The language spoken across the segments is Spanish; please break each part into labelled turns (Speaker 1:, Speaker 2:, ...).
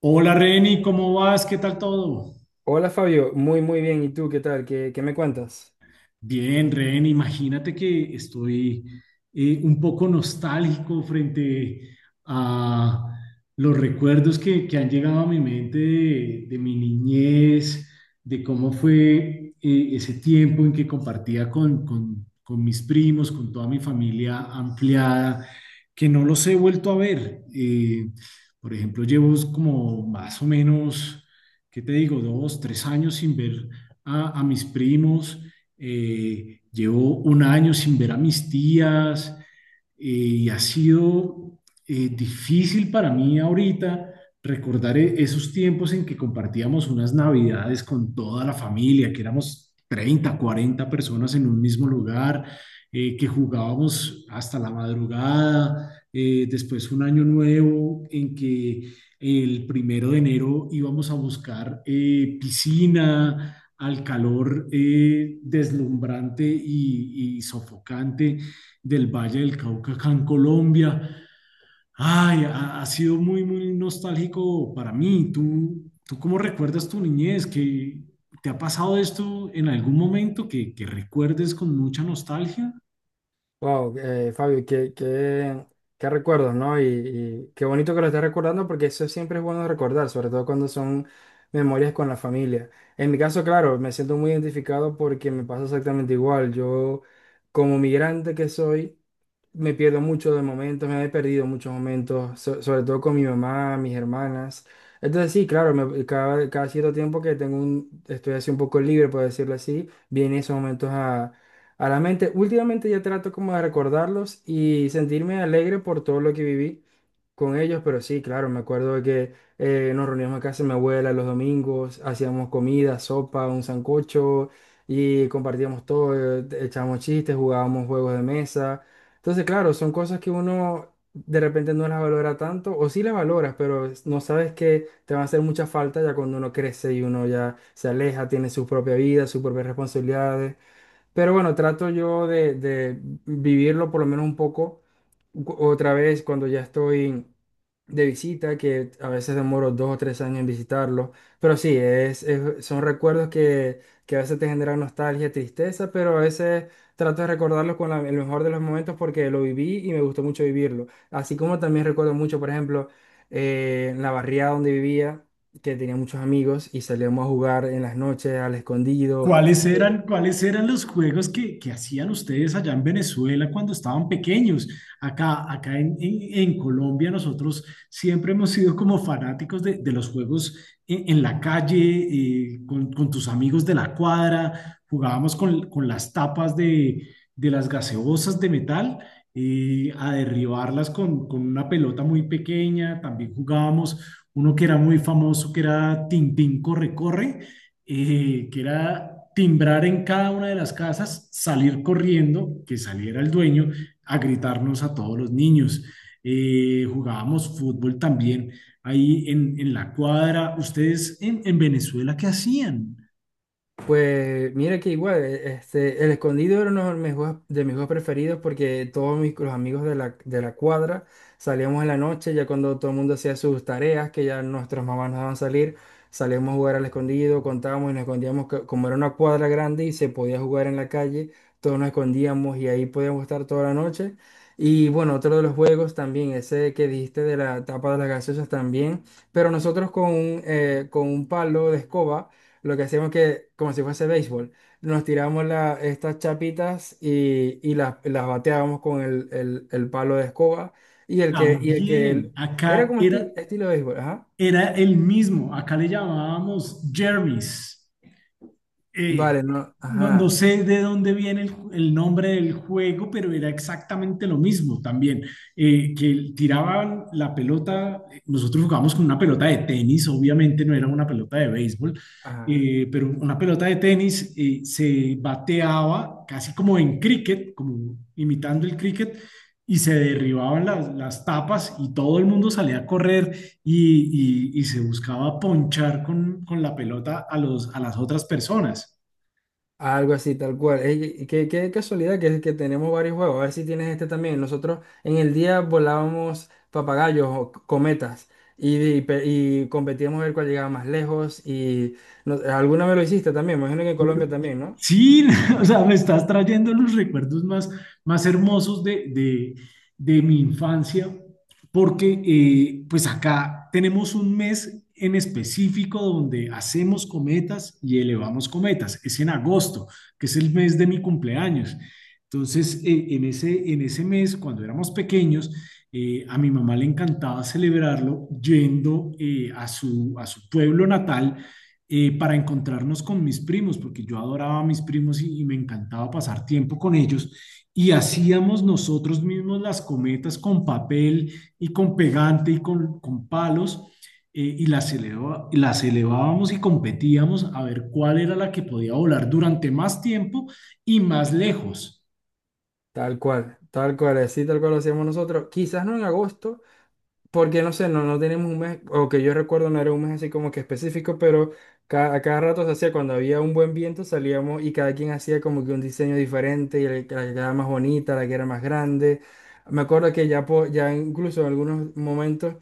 Speaker 1: Hola Reni, ¿cómo vas? ¿Qué tal todo?
Speaker 2: Hola Fabio, muy muy bien. ¿Y tú qué tal? ¿Qué me cuentas?
Speaker 1: Bien, Ren, imagínate que estoy un poco nostálgico frente a los recuerdos que han llegado a mi mente de mi niñez, de cómo fue ese tiempo en que compartía con mis primos, con toda mi familia ampliada, que no los he vuelto a ver. Por ejemplo, llevo como más o menos, ¿qué te digo? Dos, tres años sin ver a mis primos, llevo un año sin ver a mis tías, y ha sido difícil para mí ahorita recordar esos tiempos en que compartíamos unas navidades con toda la familia, que éramos 30, 40 personas en un mismo lugar, que jugábamos hasta la madrugada, después un año nuevo en que el primero de enero íbamos a buscar piscina, al calor deslumbrante y sofocante del Valle del Cauca acá en Colombia. Ay, ha, ha sido muy, muy nostálgico para mí. ¿Tú, tú cómo recuerdas tu niñez? ¿Que ¿te ha pasado esto en algún momento que recuerdes con mucha nostalgia?
Speaker 2: Wow, Fabio, qué recuerdos, ¿no? Y qué bonito que lo estés recordando porque eso siempre es bueno recordar, sobre todo cuando son memorias con la familia. En mi caso, claro, me siento muy identificado porque me pasa exactamente igual. Yo, como migrante que soy, me pierdo mucho de momentos, me he perdido muchos momentos, sobre todo con mi mamá, mis hermanas. Entonces sí, claro, cada cierto tiempo que tengo un, estoy así un poco libre, por decirlo así, vienen esos momentos a la mente. Últimamente ya trato como de recordarlos y sentirme alegre por todo lo que viví con ellos, pero sí, claro, me acuerdo de que nos reuníamos en casa de mi abuela los domingos, hacíamos comida, sopa, un sancocho y compartíamos todo, echábamos chistes, jugábamos juegos de mesa. Entonces, claro, son cosas que uno de repente no las valora tanto, o sí las valoras, pero no sabes que te van a hacer mucha falta ya cuando uno crece y uno ya se aleja, tiene su propia vida, sus propias responsabilidades. Pero bueno, trato yo de vivirlo por lo menos un poco otra vez cuando ya estoy de visita, que a veces demoro dos o tres años en visitarlo. Pero sí, son recuerdos que a veces te generan nostalgia, tristeza, pero a veces trato de recordarlos con el mejor de los momentos porque lo viví y me gustó mucho vivirlo. Así como también recuerdo mucho, por ejemplo, en la barriada donde vivía, que tenía muchos amigos y salíamos a jugar en las noches al escondido.
Speaker 1: Cuáles eran los juegos que hacían ustedes allá en Venezuela cuando estaban pequeños? Acá, acá en Colombia nosotros siempre hemos sido como fanáticos de los juegos en la calle, con tus amigos de la cuadra, jugábamos con las tapas de las gaseosas de metal, a derribarlas con una pelota muy pequeña. También jugábamos uno que era muy famoso, que era Tintín Corre Corre, que era timbrar en cada una de las casas, salir corriendo, que saliera el dueño a gritarnos a todos los niños. Jugábamos fútbol también ahí en la cuadra. ¿Ustedes en Venezuela qué hacían?
Speaker 2: Pues mira que igual, el escondido era uno de mis juegos preferidos, porque todos mis, los amigos de de la cuadra salíamos en la noche, ya cuando todo el mundo hacía sus tareas, que ya nuestras mamás nos daban salir, salíamos a jugar al escondido, contábamos y nos escondíamos, como era una cuadra grande y se podía jugar en la calle, todos nos escondíamos y ahí podíamos estar toda la noche. Y bueno, otro de los juegos también, ese que dijiste de la tapa de las gaseosas también, pero nosotros con un palo de escoba. Lo que hacíamos, que como si fuese béisbol, nos tirábamos estas chapitas y las bateábamos con el palo de escoba. Y el que, y el
Speaker 1: También,
Speaker 2: que era
Speaker 1: acá
Speaker 2: como
Speaker 1: era,
Speaker 2: estilo béisbol, ajá.
Speaker 1: era el mismo, acá le llamábamos Jermis.
Speaker 2: Vale, no,
Speaker 1: No, no
Speaker 2: ajá,
Speaker 1: sé de dónde viene el nombre del juego, pero era exactamente lo mismo también, que tiraban la pelota. Nosotros jugábamos con una pelota de tenis, obviamente no era una pelota de béisbol,
Speaker 2: ajá.
Speaker 1: pero una pelota de tenis se bateaba casi como en cricket, como imitando el cricket, y se derribaban las tapas y todo el mundo salía a correr y se buscaba ponchar con la pelota a los, a las otras personas.
Speaker 2: Algo así, tal cual. Ey, y qué casualidad que tenemos varios juegos. A ver si tienes este también. Nosotros en el día volábamos papagayos o cometas y, y competíamos a ver cuál llegaba más lejos. Y alguna vez lo hiciste también. Me imagino que en Colombia también, ¿no?
Speaker 1: Sí, o sea, me estás trayendo los recuerdos más, más hermosos de mi infancia, porque pues acá tenemos un mes en específico donde hacemos cometas y elevamos cometas. Es en agosto, que es el mes de mi cumpleaños. Entonces, en ese mes, cuando éramos pequeños, a mi mamá le encantaba celebrarlo yendo a su pueblo natal, para encontrarnos con mis primos, porque yo adoraba a mis primos y me encantaba pasar tiempo con ellos. Y hacíamos nosotros mismos las cometas con papel y con pegante y con palos, y y las elevábamos y competíamos a ver cuál era la que podía volar durante más tiempo y más lejos.
Speaker 2: Tal cual, así tal cual lo hacíamos nosotros. Quizás no en agosto, porque no sé, no, no tenemos un mes, o que yo recuerdo no era un mes así como que específico, pero a cada rato se hacía cuando había un buen viento, salíamos y cada quien hacía como que un diseño diferente, y la que era más bonita, la que era más grande. Me acuerdo que ya, ya incluso en algunos momentos,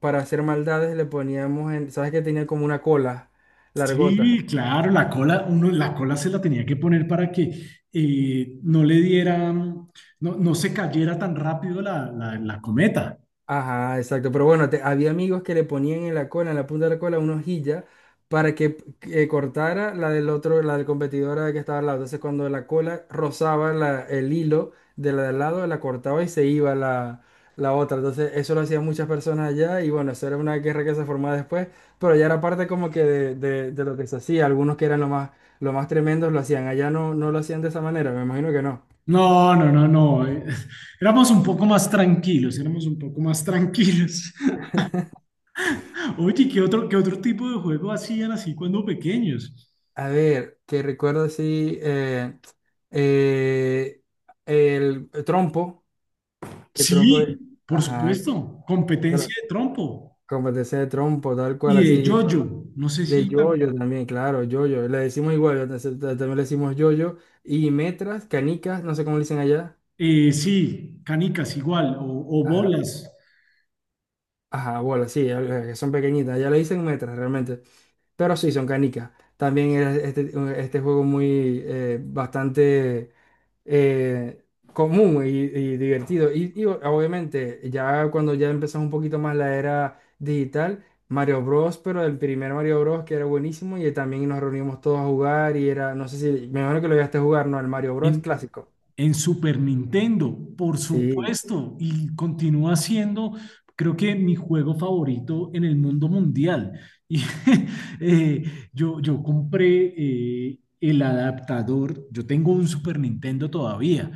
Speaker 2: para hacer maldades, le poníamos en, ¿sabes que tenía como una cola largota?
Speaker 1: Sí, claro, la cola, uno, la cola se la tenía que poner para que no le diera, no, no se cayera tan rápido la cometa.
Speaker 2: Ajá, exacto. Pero bueno, había amigos que le ponían en la cola, en la punta de la cola, una hojilla para que cortara la del otro, la del competidora que estaba al lado. Entonces, cuando la cola rozaba el hilo de la de al lado, la cortaba y se iba la, la otra. Entonces, eso lo hacían muchas personas allá, y bueno, eso era una guerra que se formaba después, pero ya era parte como que de, de lo que se hacía. Algunos que eran lo más tremendos lo hacían. Allá no, no lo hacían de esa manera, me imagino que no.
Speaker 1: No, no, no, no. Éramos un poco más tranquilos, éramos un poco más tranquilos. Oye, qué otro tipo de juego hacían así cuando pequeños?
Speaker 2: A ver, que recuerdo así, eh, el trompo, que trompo,
Speaker 1: Sí, por
Speaker 2: ajá,
Speaker 1: supuesto, competencia
Speaker 2: tra-
Speaker 1: de trompo
Speaker 2: competencia de trompo, tal cual,
Speaker 1: y de
Speaker 2: así,
Speaker 1: yoyo. No sé
Speaker 2: de
Speaker 1: si tan-
Speaker 2: yoyo también, claro, yoyo, le decimos igual, entonces, también le decimos yoyo, y metras, canicas, no sé cómo le dicen allá,
Speaker 1: sí, canicas igual, o
Speaker 2: ajá,
Speaker 1: bolas.
Speaker 2: ajá, bolas, sí, que son pequeñitas, allá le dicen metras realmente. Pero sí, son canicas. También era este, este juego muy bastante eh, común y divertido. Y obviamente, ya cuando ya empezamos un poquito más la era digital, Mario Bros, pero el primer Mario Bros que era buenísimo y también nos reunimos todos a jugar y era, no sé si, me imagino que lo llegaste a jugar, ¿no? El Mario Bros clásico.
Speaker 1: En Super Nintendo, por
Speaker 2: Sí.
Speaker 1: supuesto, y continúa siendo, creo que mi juego favorito en el mundo mundial. Y eh, yo, yo compré el adaptador. Yo tengo un Super Nintendo todavía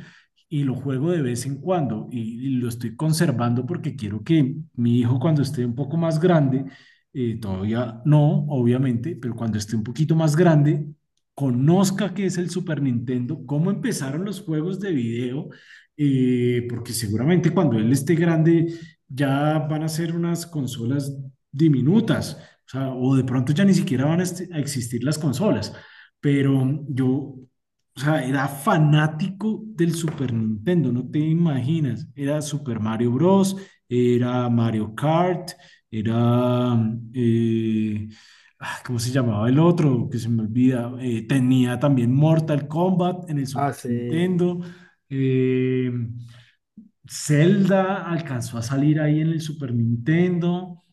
Speaker 1: y lo juego de vez en cuando, y lo estoy conservando porque quiero que mi hijo cuando esté un poco más grande, todavía no, obviamente, pero cuando esté un poquito más grande, conozca qué es el Super Nintendo, cómo empezaron los juegos de video, porque seguramente cuando él esté grande ya van a ser unas consolas diminutas, o sea, o de pronto ya ni siquiera van a, a existir las consolas. Pero yo, o sea, era fanático del Super Nintendo, no te imaginas. Era Super Mario Bros., era Mario Kart, era... ah, ¿cómo se llamaba el otro? Que se me olvida. Tenía también Mortal Kombat en el Super
Speaker 2: Ah, sí.
Speaker 1: Nintendo. Eh, Zelda alcanzó a salir ahí en el Super Nintendo.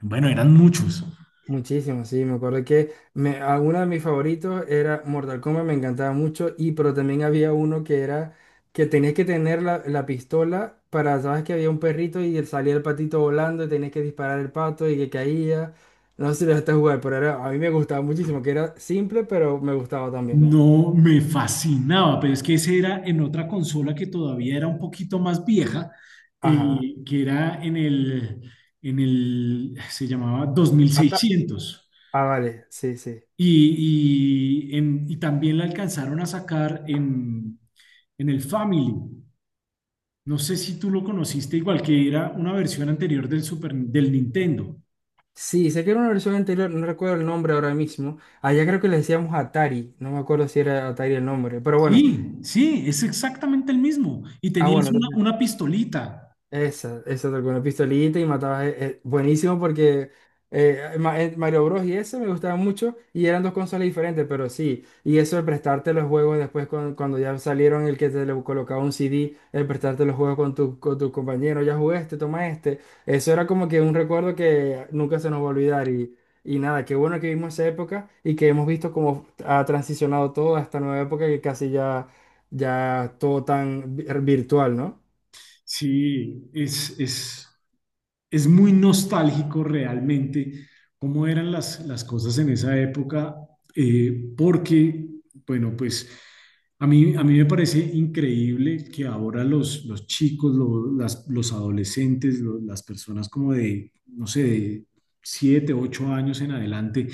Speaker 1: Bueno, eran muchos.
Speaker 2: Muchísimo, sí, me acuerdo que me, uno de mis favoritos era Mortal Kombat, me encantaba mucho, y pero también había uno que era que tenías que tener la, la pistola para, sabes que había un perrito y él salía el patito volando y tenías que disparar el pato y que caía. No sé si lo dejaste jugar, pero era, a mí me gustaba muchísimo, que era simple, pero me gustaba también.
Speaker 1: No me fascinaba, pero es que ese era en otra consola que todavía era un poquito más vieja,
Speaker 2: Ajá.
Speaker 1: que era en el, se llamaba
Speaker 2: Ata-
Speaker 1: 2600.
Speaker 2: ah, vale, sí, sí.
Speaker 1: Y, y también la alcanzaron a sacar en el Family. No sé si tú lo conociste igual, que era una versión anterior del Super, del Nintendo.
Speaker 2: Sí, sé que era una versión anterior, no recuerdo el nombre ahora mismo. Allá creo que le decíamos Atari, no me acuerdo si era Atari el nombre, pero bueno.
Speaker 1: Sí, sí, es exactamente el mismo. Y
Speaker 2: Ah, bueno,
Speaker 1: tenías
Speaker 2: entonces.
Speaker 1: una pistolita.
Speaker 2: Esa con una pistolita y matabas. Buenísimo porque Mario Bros. Y ese me gustaban mucho y eran dos consolas diferentes, pero sí. Y eso de prestarte los juegos después cuando ya salieron, el que te le colocaba un CD, el prestarte los juegos con tu compañero, ya jugué este, toma este. Eso era como que un recuerdo que nunca se nos va a olvidar. Y nada, qué bueno que vimos esa época y que hemos visto cómo ha transicionado todo a esta nueva época que casi ya, ya todo tan virtual, ¿no?
Speaker 1: Sí, es muy nostálgico realmente cómo eran las cosas en esa época, porque, bueno, pues a mí me parece increíble que ahora los chicos, los adolescentes, las personas como de, no sé, de 7 8 años en adelante,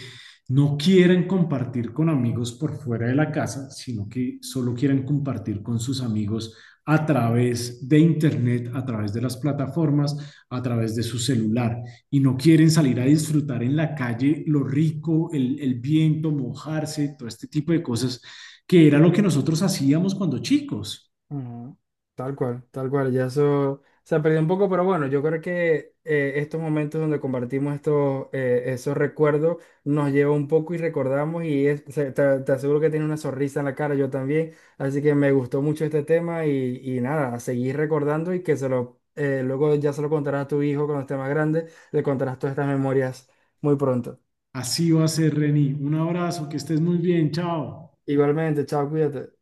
Speaker 1: no quieran compartir con amigos por fuera de la casa, sino que solo quieran compartir con sus amigos a través de Internet, a través de las plataformas, a través de su celular, y no quieren salir a disfrutar en la calle lo rico, el viento, mojarse, todo este tipo de cosas, que era lo que nosotros hacíamos cuando chicos.
Speaker 2: Ujú. Tal cual, ya eso se ha perdido un poco, pero bueno, yo creo que estos momentos donde compartimos estos, esos recuerdos nos lleva un poco y recordamos y te, te aseguro que tiene una sonrisa en la cara, yo también, así que me gustó mucho este tema y nada, a seguir recordando. Y que se lo, luego ya se lo contarás a tu hijo cuando esté más grande, le contarás todas estas memorias muy pronto.
Speaker 1: Así va a ser, Reni. Un abrazo, que estés muy bien, chao.
Speaker 2: Igualmente, chao, cuídate.